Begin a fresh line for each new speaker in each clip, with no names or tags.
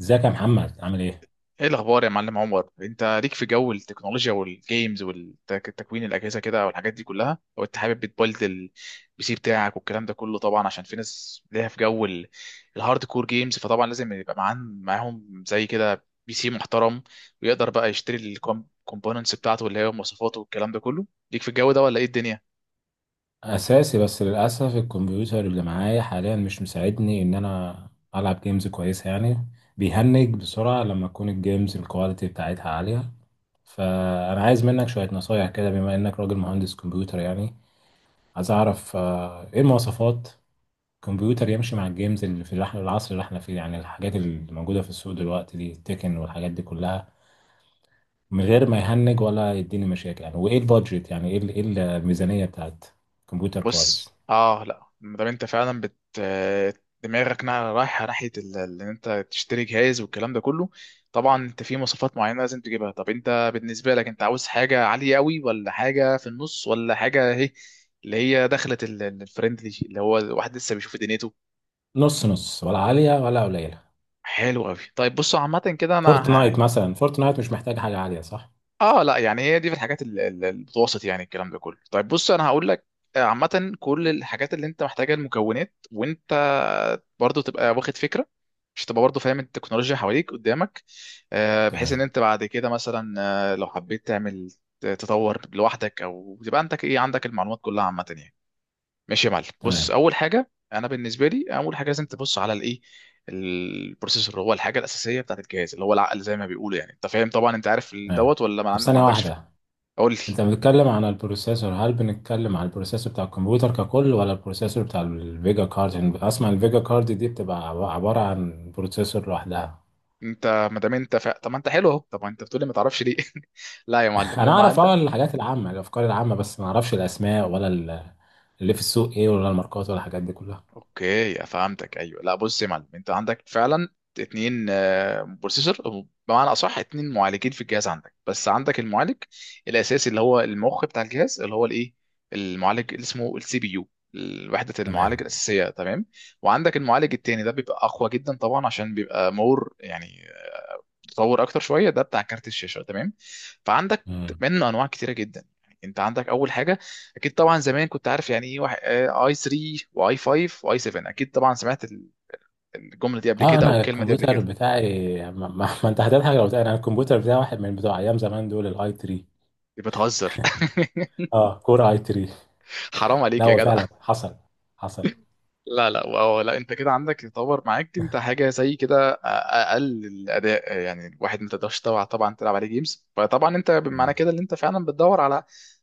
ازيك يا محمد، عامل ايه؟
ايه الاخبار يا معلم عمر، انت ليك في جو التكنولوجيا والجيمز والتكوين الاجهزه كده والحاجات دي كلها؟ لو انت حابب بتبلد البي سي بتاعك والكلام ده كله، طبعا عشان في ناس ليها في جو الهارد كور جيمز، فطبعا لازم يبقى معاهم زي كده بي سي محترم، ويقدر بقى يشتري الكومبوننتس بتاعته اللي هي مواصفاته والكلام ده كله. ليك في الجو ده ولا ايه الدنيا؟
اساسي. بس للاسف الكمبيوتر اللي معايا حاليا مش مساعدني ان انا العب جيمز كويسه يعني. بيهنج بسرعه لما تكون الجيمز الكواليتي بتاعتها عاليه. فانا عايز منك شويه نصايح كده، بما انك راجل مهندس كمبيوتر يعني. عايز اعرف ايه المواصفات كمبيوتر يمشي مع الجيمز اللي في العصر اللي احنا فيه، يعني الحاجات اللي موجوده في السوق دلوقتي دي تكن والحاجات دي كلها، من غير ما يهنج ولا يديني مشاكل يعني. وايه البادجت، يعني ايه إيه الميزانيه بتاعت كمبيوتر كويس؟
بص، لا، ما دام انت فعلا دماغك رايحه ناحيه ان انت تشتري جهاز والكلام ده كله، طبعا انت في مواصفات معينه لازم تجيبها. طب انت بالنسبه لك انت عاوز حاجه عاليه قوي ولا حاجه في النص ولا حاجه اهي اللي هي دخلت الفريندلي اللي هو الواحد لسه بيشوف دنيته؟
نص نص ولا عاليه ولا قليله؟
حلو قوي. طيب بصوا، عامه كده انا...
فورتنايت مثلا، فورتنايت مش محتاج حاجه عاليه، صح؟
اه، لا، يعني هي دي في الحاجات المتوسط يعني الكلام ده كله. طيب بص انا هقول لك، عامة كل الحاجات اللي انت محتاجها المكونات، وانت برضو تبقى واخد فكرة، مش تبقى برضو فاهم التكنولوجيا حواليك قدامك، بحيث ان
تمام.
انت بعد كده مثلا لو حبيت تعمل تطور لوحدك، او تبقى عندك ايه، عندك المعلومات كلها عامة يعني. ماشي يا معلم، بص
تمام.
اول حاجه، انا بالنسبه لي اول حاجه لازم تبص على الايه، البروسيسور. هو الحاجه الاساسيه بتاعت الجهاز، اللي هو العقل زي ما بيقولوا، يعني انت فاهم طبعا، انت عارف
تمام.
دوت ولا
طب
ما
ثانيه
عندكش فكره؟
واحده،
قول لي.
انت بتتكلم عن البروسيسور، هل بنتكلم عن البروسيسور بتاع الكمبيوتر ككل ولا البروسيسور بتاع الفيجا كارد؟ يعني اسمع، الفيجا كارد دي بتبقى عباره عن بروسيسور لوحدها.
انت ما دام انت طب ما انت حلو اهو. طب ما انت بتقولي ما تعرفش ليه؟ لا يا معلم،
انا
هو...
اعرف اه الحاجات العامه، الافكار العامه، بس ما اعرفش الاسماء ولا اللي في السوق ايه، ولا الماركات ولا الحاجات دي كلها.
اوكي، فهمتك. ايوه، لا بص يا معلم، انت عندك فعلا اتنين بروسيسور، بمعنى اصح اتنين معالجين في الجهاز عندك. بس عندك المعالج الاساسي اللي هو المخ بتاع الجهاز اللي هو الايه، المعالج اللي اسمه السي بي يو، وحدة المعالج
تمام.
الأساسية، تمام. وعندك المعالج التاني ده بيبقى أقوى جدا طبعا عشان بيبقى مور يعني، تطور اكتر شويه، ده بتاع كارت الشاشه، تمام. فعندك
مم.
منه انواع كتيره جدا، يعني انت عندك اول حاجه، اكيد طبعا زمان كنت عارف يعني ايه واحد، اي 3 واي 5 واي 7، اكيد طبعا سمعت الجمله دي قبل
اه
كده او
انا
الكلمه دي قبل
الكمبيوتر
كده.
بتاعي، ما انت هتضحك لو بتاعي. انا الكمبيوتر بتاعي واحد من بتوع ايام زمان دول، الاي 3.
دي بتهزر
اه، كور اي 3.
حرام
لا
عليك يا
هو
جدع.
فعلا حصل. حصل.
لا لا، وهو لا، انت كده عندك يتطور معاك انت حاجه زي كده اقل الاداء، يعني الواحد ما تقدرش طبعا طبعا تلعب عليه جيمز. فطبعا انت معنى
مم.
كده ان انت فعلا بتدور على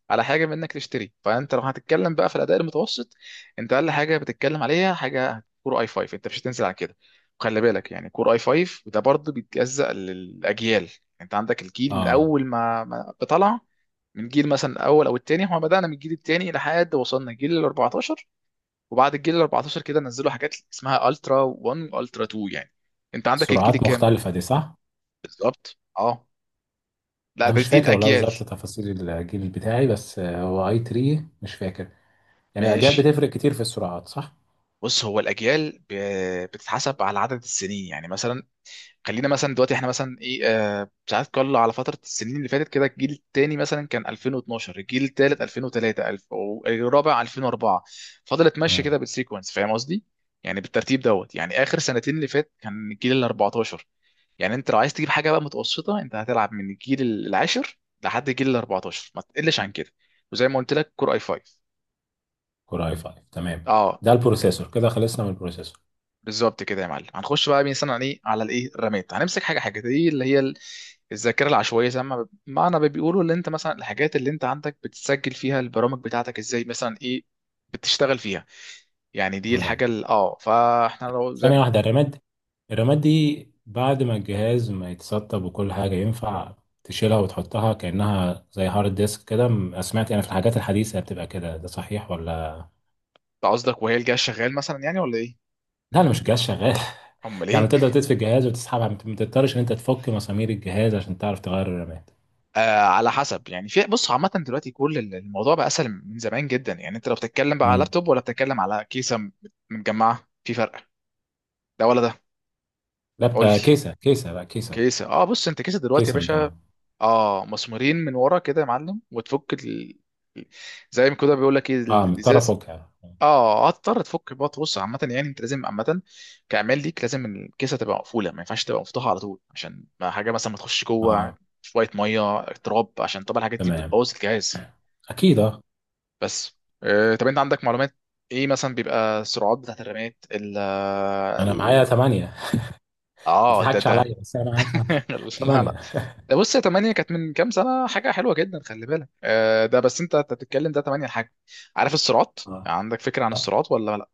حاجه منك تشتري. فانت لو هتتكلم بقى في الاداء المتوسط، انت اقل حاجه بتتكلم عليها حاجه كور اي 5، انت مش هتنزل عن كده. وخلي بالك يعني كور اي 5 ده برضه بيتجزأ للاجيال، انت عندك الجيل من
اه
اول ما بطلع، من جيل مثلا الاول او الثاني، احنا بدأنا من الجيل الثاني لحد وصلنا جيل ال 14، وبعد الجيل ال 14 كده نزلوا حاجات اسمها الترا 1 والترا 2 يعني. انت عندك الجيل
سرعات
الكام؟
مختلفه دي، صح؟
بالظبط، اه. لا،
انا
ده
مش
دي
فاكر والله
الاجيال.
بالظبط تفاصيل الجيل بتاعي، بس هو اي 3 مش فاكر. يعني الاجيال
ماشي.
بتفرق كتير في السرعات، صح؟
بص هو الاجيال بتتحسب على عدد السنين، يعني مثلا خلينا مثلا دلوقتي احنا مثلا ايه، ساعات كل على فتره. السنين اللي فاتت كده، الجيل الثاني مثلا كان 2012، الجيل الثالث 2003، الف، والرابع 2004، فضلت ماشيه
مم.
كده بالسيكونس، فاهم قصدي؟ يعني بالترتيب دوت، يعني اخر سنتين اللي فات كان الجيل ال 14. يعني انت لو عايز تجيب حاجه بقى متوسطه انت هتلعب من الجيل العاشر لحد الجيل ال 14، ما تقلش عن كده. وزي ما قلت لك كور اي 5.
كور اي 5، تمام.
اه،
ده
م-
البروسيسور، كده خلصنا من البروسيسور.
بالظبط كده يا معلم. هنخش بقى مثلا على ايه، على الايه الرامات. هنمسك حاجه حاجه، دي اللي هي الذاكره العشوائيه، زي ما معنى ما بيقولوا، اللي انت مثلا الحاجات اللي انت عندك بتسجل فيها البرامج بتاعتك، ازاي مثلا ايه بتشتغل فيها. يعني دي
تمام.
الحاجه فاحنا لو زي
ثانية واحدة، الرامات. الرامات دي بعد ما الجهاز ما يتسطب وكل حاجة، ينفع تشيلها وتحطها كأنها زي هارد ديسك كده؟ سمعت يعني في الحاجات الحديثة بتبقى كده، ده صحيح ولا؟
انت قصدك وهي الجهاز شغال مثلا يعني ولا ايه؟
لا، أنا مش جهاز شغال.
امال
يعني
ايه.
تقدر تطفي الجهاز وتسحبها، ما تضطرش إن أنت تفك مسامير الجهاز عشان تعرف تغير الرامات.
على حسب يعني. في، بص، عامة دلوقتي كل الموضوع بقى أسهل من زمان جدا، يعني أنت لو بتتكلم بقى على
امم.
لابتوب ولا بتتكلم على كيسة متجمعة في فرق، ده ولا ده؟
لا،
قول لي.
كيسة. كيسة، لا كيسة.
كيسة، بص أنت كيسة دلوقتي يا
كيسة
باشا،
متجمعة.
أه مسمورين من ورا كده يا معلم، وتفك زي ما كده بيقول لك إيه
اه، مضطر
الإزاز.
أفكها.
أه، هتضطر تفك بقى. تبص عامة يعني أنت لازم عامة كعمال ليك لازم الكيسة تبقى مقفولة، ما ينفعش تبقى مفتوحة على طول، عشان ما حاجة مثلا ما تخش جوه
اه.
شوية مية تراب، عشان طبعا الحاجات دي
تمام.
بتبوظ الجهاز.
أكيد اه.
بس طب انت عندك معلومات ايه مثلا بيبقى السرعات بتاعت الرمات
انا معايا ثمانية. ما
اه، ده
تضحكش
ده
عليا، بس انا معايا
لا لا،
ثمانية.
ده بص يا 8، كانت من كام سنه حاجه حلوه جدا، خلي بالك، ده بس انت بتتكلم ده 8 حاجه. عارف السرعات؟
اه.
عندك فكره عن
لا،
السرعات ولا لا؟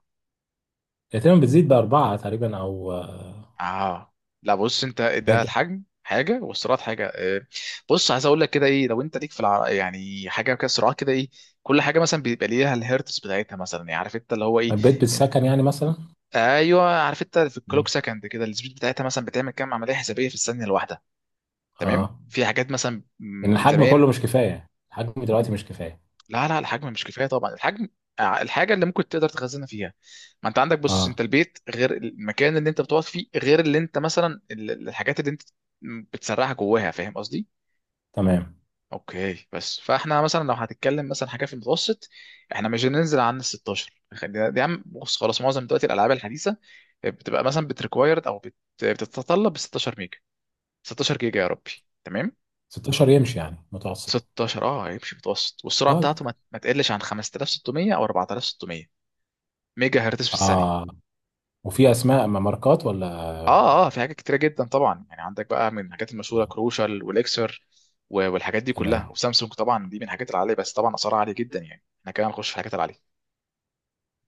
هي تقريبا بتزيد بأربعة تقريبا، او
اه، لا بص انت ده
ممكن.
الحجم حاجه والسرعات حاجه، بص عايز اقول لك كده ايه. لو انت ليك في يعني حاجه كده سرعات، كده ايه، كل حاجه مثلا بيبقى ليها الهيرتز بتاعتها، مثلا يعني عارف انت اللي هو ايه.
البيت بالسكن يعني مثلا.
ايوه، عارف. انت في الكلوك
مم.
سكند كده، السبيد بتاعتها مثلا بتعمل كام عمليه حسابيه في الثانيه الواحده، تمام.
اه،
في حاجات مثلا
ان
من
الحجم
زمان...
كله مش كفاية، الحجم دلوقتي مش كفاية.
لا لا، الحجم مش كفايه طبعا، الحجم الحاجه اللي ممكن تقدر تخزنها فيها. ما انت عندك، بص
اه.
انت البيت غير المكان اللي انت بتقعد فيه، غير اللي انت مثلا الحاجات اللي انت بتسرعها جواها، فاهم قصدي؟
تمام.
اوكي، بس فاحنا مثلا لو هتتكلم مثلا حاجه في المتوسط، احنا مش هننزل عن ال 16. دي يا عم بص خلاص، معظم دلوقتي الالعاب الحديثه بتبقى مثلا بتريكوايرد او بتتطلب 16 ميجا، 16 جيجا يا ربي، تمام.
16 يمشي يعني متوسط.
16 اه هيمشي متوسط، والسرعه
طب.
بتاعته ما تقلش عن 5600 او 4600 ميجا هرتز في الثانيه.
اه، وفي اسماء ماركات ولا؟
اه اه، في حاجات كتيره جدا طبعا، يعني عندك بقى من الحاجات المشهوره كروشال والاكسر والحاجات دي كلها،
تمام.
وسامسونج. طبعا دي من الحاجات العاليه، بس طبعا اسعارها عاليه جدا، يعني احنا كده هنخش في الحاجات العاليه.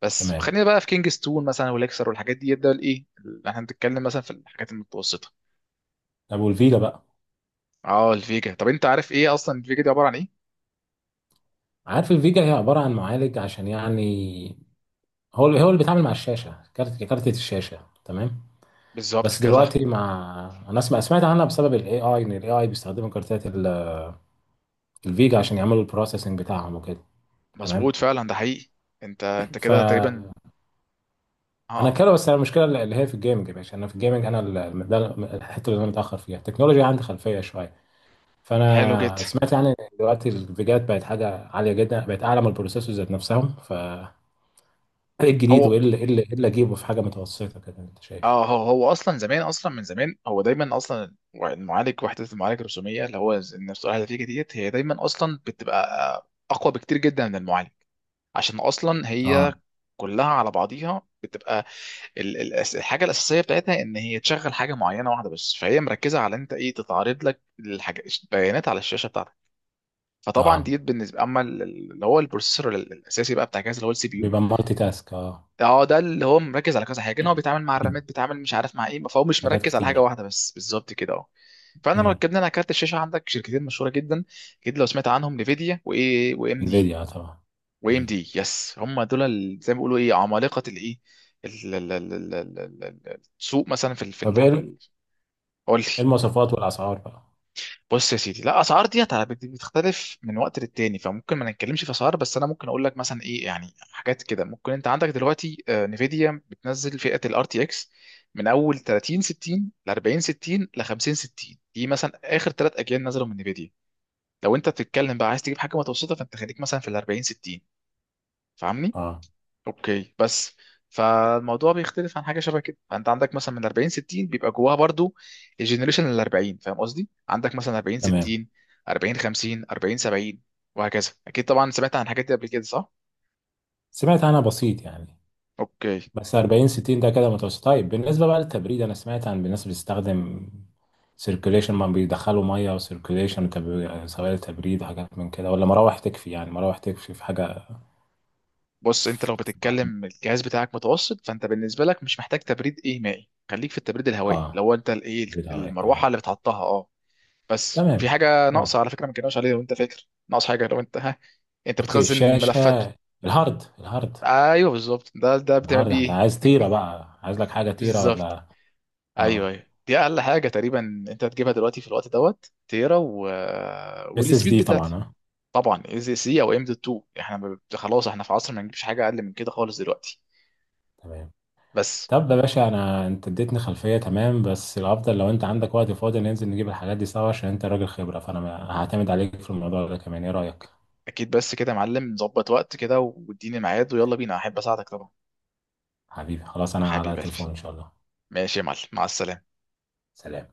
بس
تمام.
خلينا بقى في كينجستون مثلا والاكسر والحاجات دي، ده الايه اللي احنا بنتكلم مثلا في الحاجات المتوسطه.
طب والفيجا بقى؟
اه، الفيجا. طب انت عارف ايه اصلا الفيجا دي عباره عن ايه؟
عارف، الفيجا هي عبارة عن معالج، عشان يعني هو هو اللي بيتعامل مع الشاشة، كارت، كارتة الشاشة، تمام.
بالظبط
بس
كده، صح.
دلوقتي مع، انا اسمع سمعت عنها بسبب الاي اي، ان الاي اي بيستخدموا كارتات الفيجا عشان يعملوا البروسيسنج بتاعهم وكده. تمام.
مظبوط، فعلا ده حقيقي. انت كده تقريبا،
فانا
اه
كده. بس انا المشكله اللي هي في الجيمنج يا باشا، انا في الجيمنج انا ده الحته اللي انا متاخر فيها، التكنولوجيا عندي خلفيه شويه.
حلو جدا.
فانا سمعت يعني إن دلوقتي الفيجات بقت حاجه عاليه جدا، بقت اعلى من البروسيسورز ذات نفسهم. ف ايه الجديد، وايه
هو
اللي اجيبه في حاجه متوسطه كده، انت شايف؟
اه هو اصلا زمان، اصلا من زمان، هو دايما اصلا المعالج، وحده المعالج الرسوميه اللي هو النفس الهاتفيه ديت، هي دايما اصلا بتبقى آه، اقوى بكتير جدا من المعالج، عشان اصلا
اه.
هي كلها على بعضيها بتبقى الحاجه الاساسيه بتاعتها ان هي تشغل حاجه معينه واحده بس، فهي مركزه على انت ايه تتعرض لك الحاجه، البيانات على الشاشه بتاعتك. فطبعا
اه،
ديت بالنسبه اما اللي هو البروسيسور الاساسي بقى بتاع جهاز اللي هو السي بي يو.
بيبقى مالتي تاسك، اه.
اه، ده اللي هو مركز على كذا حاجه، ان هو بيتعامل مع الرامات، بيتعامل مش عارف مع ايه، فهو مش
حاجات
مركز على حاجه
كتير.
واحده بس، بالظبط كده، اه. فاحنا لو اتكلمنا على كارت الشاشه، عندك شركتين مشهوره جدا، اكيد لو سمعت عنهم، نفيديا، وايه، وام دي.
انفيديا، آه طبعا.
وام
مم.
دي، يس. هم دول زي ما بيقولوا ايه عمالقه الايه ال- ال- ال- ال- السوق مثلا في
طب ايه، إيه
قول لي.
المواصفات والاسعار بقى؟
بص يا سيدي، لا الاسعار ديت بتختلف من وقت للتاني، فممكن ما نتكلمش في اسعار. بس انا ممكن اقول لك مثلا ايه. يعني حاجات كده ممكن انت عندك دلوقتي، نفيديا بتنزل فئه الار تي اكس من اول 30 60 ل 40 60 ل 50 60، دي مثلا اخر ثلاث اجيال نزلوا من نفيديا. لو انت بتتكلم بقى عايز تجيب حاجه متوسطه فانت خليك مثلا في ال 40 60، فاهمني؟
اه.
اوكي، بس فالموضوع بيختلف عن حاجه شبه كده، فانت عندك مثلا من 40 60 بيبقى جواها برضو الجنريشن ال 40، فاهم قصدي؟ عندك مثلا 40
تمام.
60، 40 50، 40 70، وهكذا. اكيد طبعا سمعت عن الحاجات دي قبل كده، صح؟
سمعت عنها بسيط يعني.
اوكي.
بس 4060 ده كده متوسط. طيب بالنسبه بقى للتبريد، انا سمعت عن الناس بتستخدم سيركوليشن، ما بيدخلوا ميه وسيركوليشن سوائل تبريد، حاجات من كده، ولا مراوح تكفي يعني؟ مراوح تكفي في حاجه.
بص انت لو بتتكلم الجهاز بتاعك متوسط، فانت بالنسبه لك مش محتاج تبريد ايه مائي، خليك في التبريد الهوائي
اه.
لو انت الايه
تبريد عليك، تمام.
المروحه اللي بتحطها، اه. بس في
تمام.
حاجه
اه.
ناقصه على فكره ما كناش عليها، لو انت فاكر ناقص حاجه، لو انت ها. انت
اوكي،
بتخزن ملفات؟
الشاشه، الهارد، الهارد.
ايوه بالظبط، ده بتعمل
الهارد
بيه
انت
ايه.
عايز تيره بقى، عايز لك حاجه تيره
بالظبط.
ولا؟
ايوه
اه.
ايوه، دي اقل حاجه تقريبا. انت هتجيبها دلوقتي في الوقت دوت تيرا
اس اس
والسبيد
دي طبعا،
بتاعتي.
اه.
طبعا اي زي سي او ام دوت 2، احنا خلاص، احنا في عصر ما نجيبش حاجه اقل من كده خالص دلوقتي.
تمام.
بس.
طب يا باشا، انا انت اديتني خلفيه تمام، بس الافضل لو انت عندك وقت فاضي ننزل نجيب الحاجات دي سوا، عشان انت راجل خبره فانا هعتمد عليك في الموضوع ده كمان. ايه رايك؟
اكيد، بس كده يا معلم نظبط وقت كده واديني ميعاد ويلا بينا، احب اساعدك طبعا.
حبيبي خلاص، انا على
حبيب قلبي.
التليفون ان شاء الله.
ماشي يا معلم، مع السلامه.
سلام.